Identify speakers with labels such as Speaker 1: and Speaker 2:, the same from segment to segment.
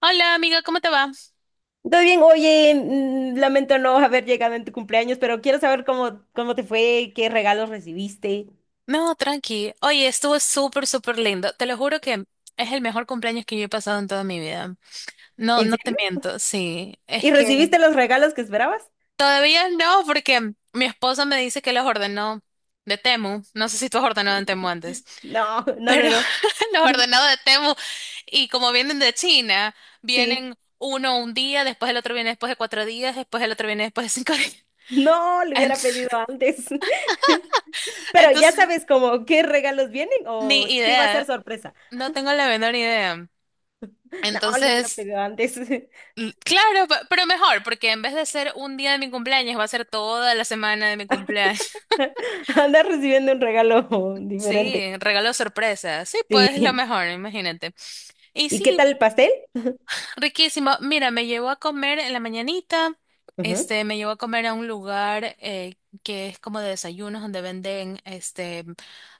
Speaker 1: Hola amiga, ¿cómo te va?
Speaker 2: Todo bien, oye, lamento no haber llegado en tu cumpleaños, pero quiero saber cómo te fue, qué regalos recibiste.
Speaker 1: No, tranqui. Oye, estuvo súper, súper lindo. Te lo juro que es el mejor cumpleaños que yo he pasado en toda mi vida. No,
Speaker 2: ¿En
Speaker 1: no te
Speaker 2: serio?
Speaker 1: miento, sí. Es
Speaker 2: ¿Y
Speaker 1: que
Speaker 2: recibiste los regalos que esperabas?
Speaker 1: todavía no, porque mi esposa me dice que los ordenó de Temu. No sé si tú has ordenado en Temu antes,
Speaker 2: No, no,
Speaker 1: pero
Speaker 2: no, no.
Speaker 1: los ordenó de Temu. Y como vienen de China,
Speaker 2: Sí,
Speaker 1: vienen uno un día, después el otro viene después de 4 días, después el otro viene después de 5 días.
Speaker 2: no, le hubiera pedido antes. Pero ya
Speaker 1: Entonces,
Speaker 2: sabes como qué regalos vienen
Speaker 1: ni
Speaker 2: o sí va a ser
Speaker 1: idea.
Speaker 2: sorpresa.
Speaker 1: No tengo la menor idea.
Speaker 2: No, le hubiera
Speaker 1: Entonces,
Speaker 2: pedido antes.
Speaker 1: claro, pero mejor, porque en vez de ser un día de mi cumpleaños, va a ser toda la semana de mi cumpleaños.
Speaker 2: Andas recibiendo un regalo diferente.
Speaker 1: Sí, regalo sorpresa. Sí, pues lo
Speaker 2: Sí.
Speaker 1: mejor, imagínate. Y
Speaker 2: ¿Y qué tal
Speaker 1: sí,
Speaker 2: el pastel?
Speaker 1: riquísimo. Mira, me llevó a comer en la mañanita.
Speaker 2: Ujú,
Speaker 1: Este, me llevó a comer a un lugar que es como de desayunos donde venden este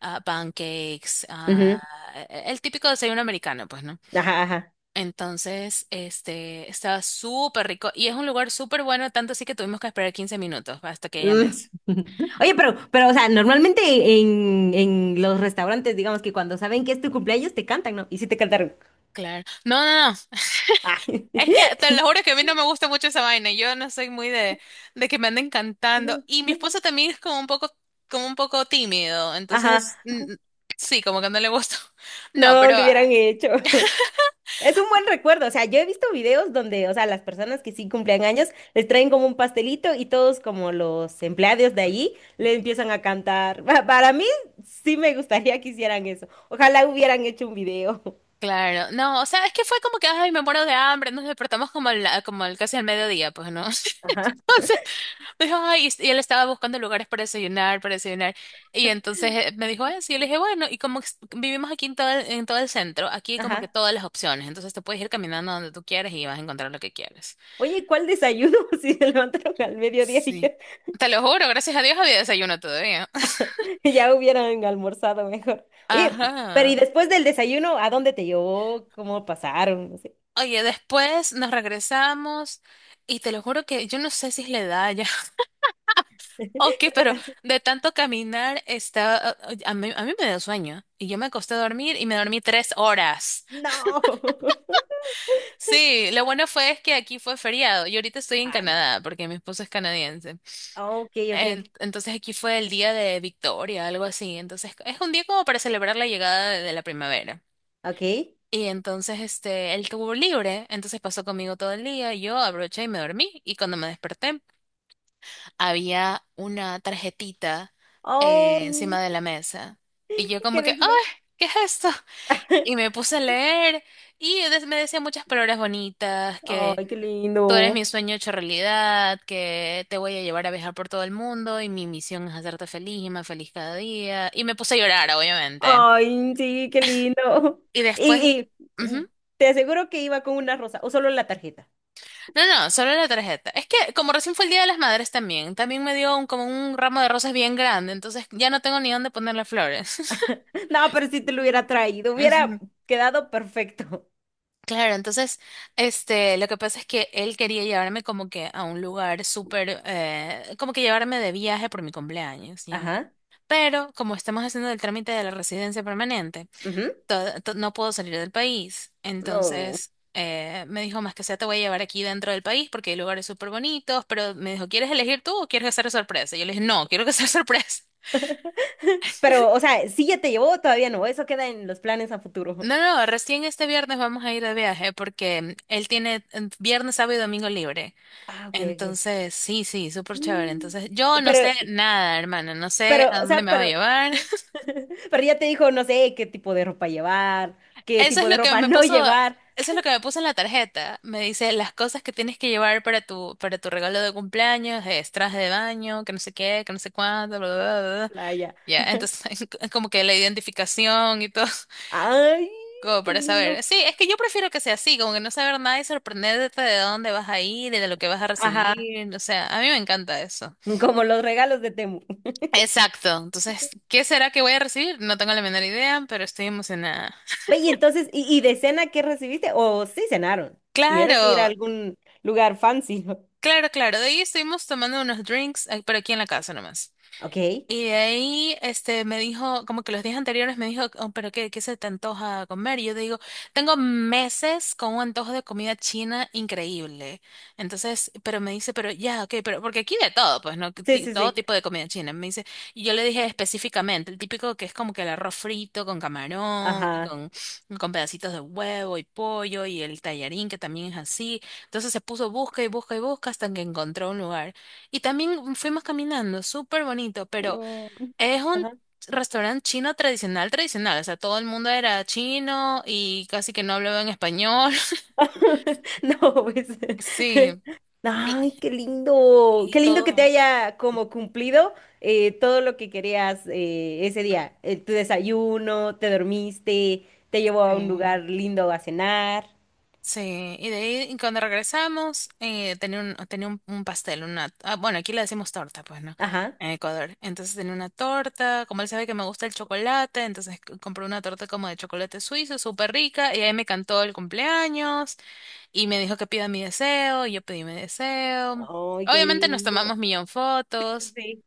Speaker 1: pancakes,
Speaker 2: ujú.
Speaker 1: e, el típico desayuno americano, pues, ¿no?
Speaker 2: Ajá, ajá.
Speaker 1: Entonces, este, estaba súper rico y es un lugar súper bueno, tanto así que tuvimos que esperar 15 minutos hasta que ella me...
Speaker 2: Mm. Oye, pero, o sea, normalmente en los restaurantes, digamos que cuando saben que es tu cumpleaños, te cantan, ¿no? Y sí te cantaron.
Speaker 1: Claro. No, no, no.
Speaker 2: Ay.
Speaker 1: Es que te lo juro que a mí no me gusta mucho esa vaina. Yo no soy muy de que me anden cantando. Y mi esposo también es como un poco tímido.
Speaker 2: Ajá,
Speaker 1: Entonces, sí, como que no le gusta. No,
Speaker 2: no
Speaker 1: pero
Speaker 2: lo hubieran hecho. Es un buen recuerdo, o sea, yo he visto videos donde, o sea, las personas que sí cumplen años les traen como un pastelito y todos como los empleados de allí le empiezan a cantar. Para mí sí me gustaría que hicieran eso. Ojalá hubieran hecho un video.
Speaker 1: claro, no, o sea, es que fue como que, ay, me muero de hambre, nos despertamos como, casi al mediodía, pues, ¿no?
Speaker 2: Ajá.
Speaker 1: Entonces, me dijo, ay, y él estaba buscando lugares para desayunar, y entonces me dijo eso, y yo le dije, bueno, y vivimos aquí en todo el centro, aquí hay como que
Speaker 2: Ajá.
Speaker 1: todas las opciones, entonces te puedes ir caminando donde tú quieras y vas a encontrar lo que quieres.
Speaker 2: Oye, ¿cuál desayuno? Si se levantaron al mediodía,
Speaker 1: Sí.
Speaker 2: dije,
Speaker 1: Te lo juro, gracias a Dios había desayuno todavía.
Speaker 2: ya hubieran almorzado mejor. Oye, pero ¿y
Speaker 1: Ajá.
Speaker 2: después del desayuno, a dónde te llevó? ¿Cómo pasaron? No sé.
Speaker 1: Oye, después nos regresamos y te lo juro que yo no sé si es la edad ya. Ok,
Speaker 2: ¿Ya te
Speaker 1: pero
Speaker 2: cansaste?
Speaker 1: de tanto caminar está, a mí me dio sueño y yo me acosté a dormir y me dormí 3 horas.
Speaker 2: No.
Speaker 1: Sí, lo bueno fue es que aquí fue feriado y ahorita estoy en
Speaker 2: Ay,
Speaker 1: Canadá porque mi esposo es canadiense.
Speaker 2: ok, ok,
Speaker 1: Entonces aquí fue el día de Victoria, algo así. Entonces es un día como para celebrar la llegada de la primavera.
Speaker 2: ok.
Speaker 1: Y entonces este, él tuvo libre, entonces pasó conmigo todo el día, yo abroché y me dormí y cuando me desperté había una tarjetita
Speaker 2: Ay,
Speaker 1: encima de la mesa. Y yo como
Speaker 2: ¿qué
Speaker 1: que,
Speaker 2: decía?
Speaker 1: ¡ay! ¿Qué es esto? Y me puse a leer y me decía muchas palabras bonitas, que
Speaker 2: Ay, qué
Speaker 1: tú eres
Speaker 2: lindo.
Speaker 1: mi sueño hecho realidad, que te voy a llevar a viajar por todo el mundo y mi misión es hacerte feliz y más feliz cada día. Y me puse a llorar, obviamente.
Speaker 2: Ay, sí, qué lindo.
Speaker 1: Y después...
Speaker 2: Y, y, mm,
Speaker 1: ujú.
Speaker 2: te aseguro que iba con una rosa o solo la tarjeta.
Speaker 1: No, no, solo la tarjeta. Es que como recién fue el Día de las Madres también, también me dio como un ramo de rosas bien grande, entonces ya no tengo ni dónde ponerle flores.
Speaker 2: No, pero si te lo hubiera traído, hubiera quedado perfecto.
Speaker 1: Claro, entonces, este, lo que pasa es que él quería llevarme como que a un lugar súper, como que llevarme de viaje por mi cumpleaños, ¿ya?
Speaker 2: Ajá.
Speaker 1: Pero como estamos haciendo el trámite de la residencia permanente, no puedo salir del país.
Speaker 2: No.
Speaker 1: Entonces, me dijo, más que sea, te voy a llevar aquí dentro del país porque hay lugares súper bonitos, pero me dijo, ¿quieres elegir tú o quieres que sea sorpresa? Y yo le dije, no, quiero que sea sorpresa.
Speaker 2: Pero, o sea, sí ya te llevó, todavía no. Eso queda en los planes a futuro.
Speaker 1: No, no, recién este viernes vamos a ir de viaje porque él tiene viernes, sábado y domingo libre.
Speaker 2: Ah, ok, ok.
Speaker 1: Entonces, sí, sí, súper chévere.
Speaker 2: Mm.
Speaker 1: Entonces, yo no
Speaker 2: Pero,
Speaker 1: sé nada, hermana, no sé
Speaker 2: pero,
Speaker 1: a
Speaker 2: o
Speaker 1: dónde
Speaker 2: sea,
Speaker 1: me va a llevar.
Speaker 2: pero ya te dijo, no sé, qué tipo de ropa llevar, qué
Speaker 1: Eso es
Speaker 2: tipo de
Speaker 1: lo que
Speaker 2: ropa
Speaker 1: me
Speaker 2: no
Speaker 1: puso,
Speaker 2: llevar.
Speaker 1: eso es lo que me puso en la tarjeta. Me dice las cosas que tienes que llevar para tu regalo de cumpleaños, es traje de baño, que no sé qué, que no sé cuánto, bla, bla, bla, bla.
Speaker 2: Playa.
Speaker 1: Ya, entonces, como que la identificación y todo,
Speaker 2: Ay,
Speaker 1: como
Speaker 2: qué
Speaker 1: para
Speaker 2: lindo.
Speaker 1: saber. Sí, es que yo prefiero que sea así, como que no saber nada y sorprenderte de dónde vas a ir y de lo que vas a
Speaker 2: Ajá.
Speaker 1: recibir. O sea, a mí me encanta eso.
Speaker 2: Como los regalos de Temu.
Speaker 1: Exacto. Entonces, ¿qué será que voy a recibir? No tengo la menor idea, pero estoy emocionada.
Speaker 2: Ve, y entonces, ¿ y de cena qué recibiste? O sí cenaron. Tuvieron que ir a
Speaker 1: Claro,
Speaker 2: algún lugar fancy, ¿no?
Speaker 1: claro, claro. De ahí estuvimos tomando unos drinks, ah, pero aquí en la casa nomás.
Speaker 2: Ok. Sí,
Speaker 1: Y de ahí este, me dijo, como que los días anteriores me dijo, "Oh, pero qué, ¿qué se te antoja comer?" Y yo digo, tengo meses con un antojo de comida china increíble. Entonces, pero me dice, pero ya, ok, pero porque aquí de todo, pues, ¿no? Que
Speaker 2: sí,
Speaker 1: todo
Speaker 2: sí.
Speaker 1: tipo de comida china. Me dice, y yo le dije específicamente, el típico que es como que el arroz frito con camarón y
Speaker 2: Ajá.
Speaker 1: con pedacitos de huevo y pollo y el tallarín que también es así. Entonces se puso busca y busca y busca hasta que encontró un lugar. Y también fuimos caminando, súper bonito, pero
Speaker 2: Mm.
Speaker 1: es un
Speaker 2: Ajá.
Speaker 1: restaurante chino tradicional, tradicional. O sea, todo el mundo era chino y casi que no hablaba en español.
Speaker 2: No, pues.
Speaker 1: Sí.
Speaker 2: Ay,
Speaker 1: Y,
Speaker 2: qué lindo.
Speaker 1: y
Speaker 2: Qué lindo que te
Speaker 1: todo.
Speaker 2: haya como cumplido todo lo que querías ese día. Tu desayuno, te dormiste, te llevó a un
Speaker 1: eh,
Speaker 2: lugar lindo a cenar.
Speaker 1: sí. Y de ahí y cuando regresamos, un pastel, una... Ah, bueno, aquí le decimos torta, pues, ¿no?
Speaker 2: Ajá.
Speaker 1: En Ecuador. Entonces tenía una torta. Como él sabe que me gusta el chocolate, entonces compró una torta como de chocolate suizo, súper rica. Y ahí me cantó el cumpleaños. Y me dijo que pida mi deseo, y yo pedí mi deseo.
Speaker 2: Ay, qué
Speaker 1: Obviamente nos
Speaker 2: lindo.
Speaker 1: tomamos millón fotos,
Speaker 2: Sí.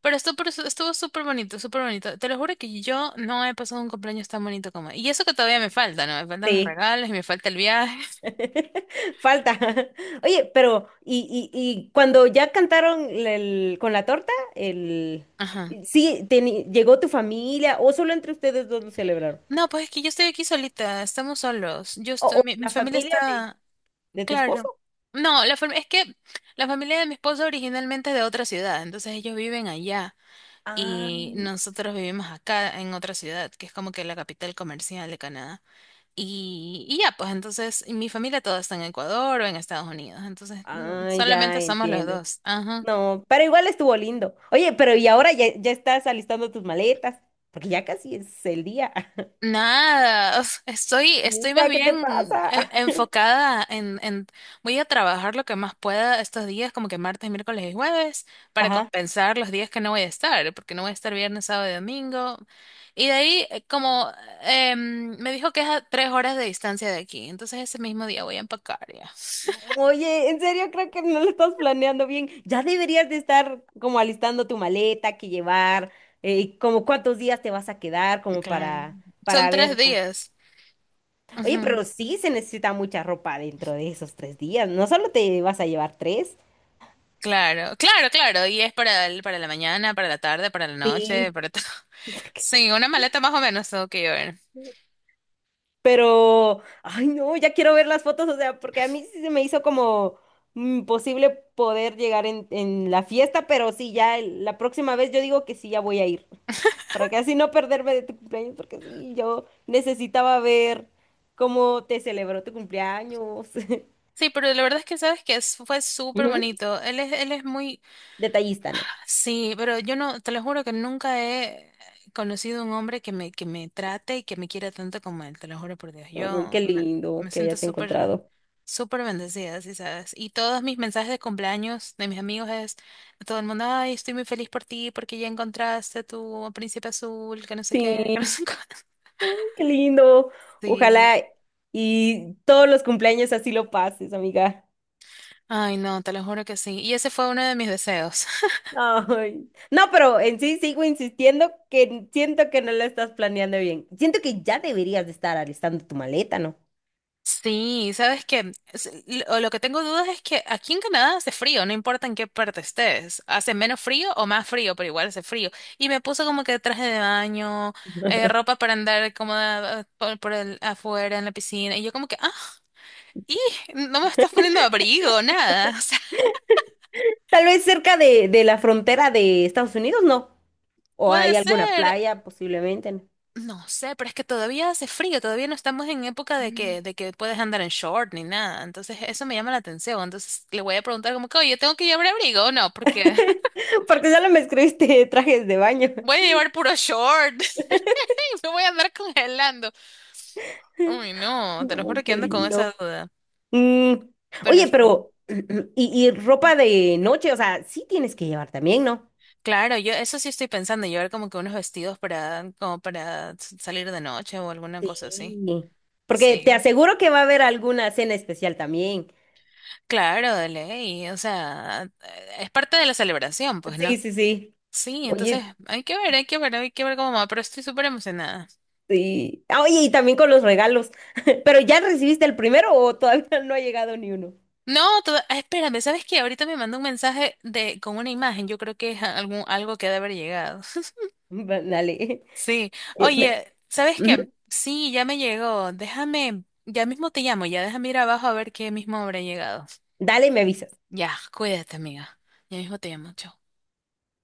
Speaker 1: pero estuvo, estuvo súper bonito, súper bonito. Te lo juro que yo no he pasado un cumpleaños tan bonito como... Y eso que todavía me falta, ¿no? Me faltan los
Speaker 2: Sí.
Speaker 1: regalos y me falta el viaje.
Speaker 2: Falta. Oye, pero, ¿ y cuando ya cantaron el- con la torta, el...
Speaker 1: Ajá.
Speaker 2: Sí, teni- ¿llegó tu familia o solo entre ustedes dos lo celebraron?
Speaker 1: No, pues es que yo estoy aquí solita, estamos solos. Yo estoy,
Speaker 2: O
Speaker 1: mi
Speaker 2: la
Speaker 1: familia
Speaker 2: familia
Speaker 1: está,
Speaker 2: de tu
Speaker 1: claro.
Speaker 2: esposo.
Speaker 1: No, es que la familia de mi esposo originalmente es de otra ciudad, entonces ellos viven allá.
Speaker 2: Ah,
Speaker 1: Y, nosotros vivimos acá en otra ciudad, que es como que la capital comercial de Canadá. Y ya, pues entonces, y mi familia toda está en Ecuador o en Estados Unidos. Entonces, no,
Speaker 2: ah, ya
Speaker 1: solamente somos los
Speaker 2: entiendo.
Speaker 1: dos. Ajá.
Speaker 2: No, pero igual estuvo lindo. Oye, pero y ahora ya estás alistando tus maletas, porque ya casi es el día.
Speaker 1: Nada, o sea, estoy, estoy más
Speaker 2: Mira, ¿qué te
Speaker 1: bien
Speaker 2: pasa?
Speaker 1: enfocada voy a trabajar lo que más pueda estos días, como que martes, miércoles y jueves, para
Speaker 2: Ajá.
Speaker 1: compensar los días que no voy a estar, porque no voy a estar viernes, sábado y domingo. Y de ahí, como me dijo que es a 3 horas de distancia de aquí, entonces ese mismo día voy a empacar ya.
Speaker 2: Oye, en serio creo que no lo estás planeando bien. Ya deberías de estar como alistando tu maleta, que llevar, como cuántos días te vas a quedar, como
Speaker 1: Claro. Son
Speaker 2: para
Speaker 1: tres
Speaker 2: ver cómo-
Speaker 1: días.
Speaker 2: Oye, pero sí se necesita mucha ropa dentro de esos tres días. No solo te vas a llevar tres.
Speaker 1: Claro, claro, claro. Y es para el, para la mañana, para la tarde, para la noche,
Speaker 2: Sí,
Speaker 1: para todo. Sí, una maleta más o menos tengo que llevar.
Speaker 2: pero, ay no, ya quiero ver las fotos, o sea, porque a mí sí se me hizo como imposible poder llegar en la fiesta, pero sí, ya el- la próxima vez yo digo que sí, ya voy a ir, para que así no perderme de tu cumpleaños, porque sí, yo necesitaba ver cómo te celebró tu cumpleaños.
Speaker 1: Sí, pero la verdad es que sabes que fue súper
Speaker 2: Ujú.
Speaker 1: bonito. Él es muy...
Speaker 2: Detallista, Ana.
Speaker 1: Sí, pero yo no, te lo juro que nunca he conocido un hombre que me trate y que me quiera tanto como él, te lo juro por Dios.
Speaker 2: Ay, qué lindo
Speaker 1: Me
Speaker 2: que
Speaker 1: siento
Speaker 2: hayas
Speaker 1: súper,
Speaker 2: encontrado.
Speaker 1: súper bendecida, sí, sabes. Y todos mis mensajes de cumpleaños de mis amigos es a todo el mundo, ay, estoy muy feliz por ti porque ya encontraste tu príncipe azul, que no sé qué,
Speaker 2: Sí,
Speaker 1: que no
Speaker 2: ay,
Speaker 1: sé cuánto.
Speaker 2: qué lindo.
Speaker 1: Sí.
Speaker 2: Ojalá y todos los cumpleaños así lo pases, amiga.
Speaker 1: Ay, no, te lo juro que sí. Y ese fue uno de mis deseos.
Speaker 2: Ay. No, pero en sí sigo insistiendo que siento que no lo estás planeando bien. Siento que ya deberías de estar alistando tu maleta, ¿no?
Speaker 1: Sí, sabes que lo que tengo dudas es que aquí en Canadá hace frío, no importa en qué parte estés, hace menos frío o más frío, pero igual hace frío. Y me puse como que traje de baño, ropa para andar cómoda por el afuera en la piscina, y yo como que, ah, y no me estás poniendo abrigo, nada, o sea,
Speaker 2: Tal vez cerca de la frontera de Estados Unidos, ¿no? O
Speaker 1: puede
Speaker 2: hay alguna
Speaker 1: ser,
Speaker 2: playa, posiblemente, ¿no?
Speaker 1: no sé, pero es que todavía hace frío, todavía no estamos en época de que puedes andar en short ni nada, entonces eso me llama la atención, entonces le voy a preguntar como que, oye, ¿tengo que llevar abrigo o no? Porque
Speaker 2: Porque solo me escribiste trajes de baño.
Speaker 1: voy a llevar puro short. Sí, me voy a andar congelando. Uy, no,
Speaker 2: Ay,
Speaker 1: te lo
Speaker 2: no,
Speaker 1: juro que
Speaker 2: qué
Speaker 1: ando con
Speaker 2: lindo.
Speaker 1: esa duda.
Speaker 2: Mm.
Speaker 1: Pero
Speaker 2: Oye,
Speaker 1: sí.
Speaker 2: pero, y ropa de noche, o sea, sí tienes que llevar también, ¿no?
Speaker 1: Claro, yo eso sí estoy pensando, llevar como que unos vestidos para, como para salir de noche o alguna cosa así.
Speaker 2: Sí. Porque te
Speaker 1: Sí.
Speaker 2: aseguro que va a haber alguna cena especial también.
Speaker 1: Claro, de ley. O sea, es parte de la celebración, pues,
Speaker 2: Sí,
Speaker 1: ¿no?
Speaker 2: sí, sí.
Speaker 1: Sí, entonces
Speaker 2: Oye,
Speaker 1: hay que ver, hay que ver, hay que ver cómo va, pero estoy súper emocionada.
Speaker 2: sí. Ah, oye, y también con los regalos. ¿Pero ya recibiste el primero o todavía no ha llegado ni uno?
Speaker 1: No, ah, espérame, ¿sabes qué? Ahorita me mandó un mensaje de con una imagen, yo creo que es algún algo que ha de haber llegado.
Speaker 2: Va- Dale.
Speaker 1: Sí,
Speaker 2: Me-
Speaker 1: oye, ¿sabes
Speaker 2: ujú.
Speaker 1: qué? Sí, ya me llegó. Déjame, ya mismo te llamo, ya déjame ir abajo a ver qué mismo habrá llegado.
Speaker 2: Dale, me avisas.
Speaker 1: Ya, cuídate, amiga. Ya mismo te llamo. Chao.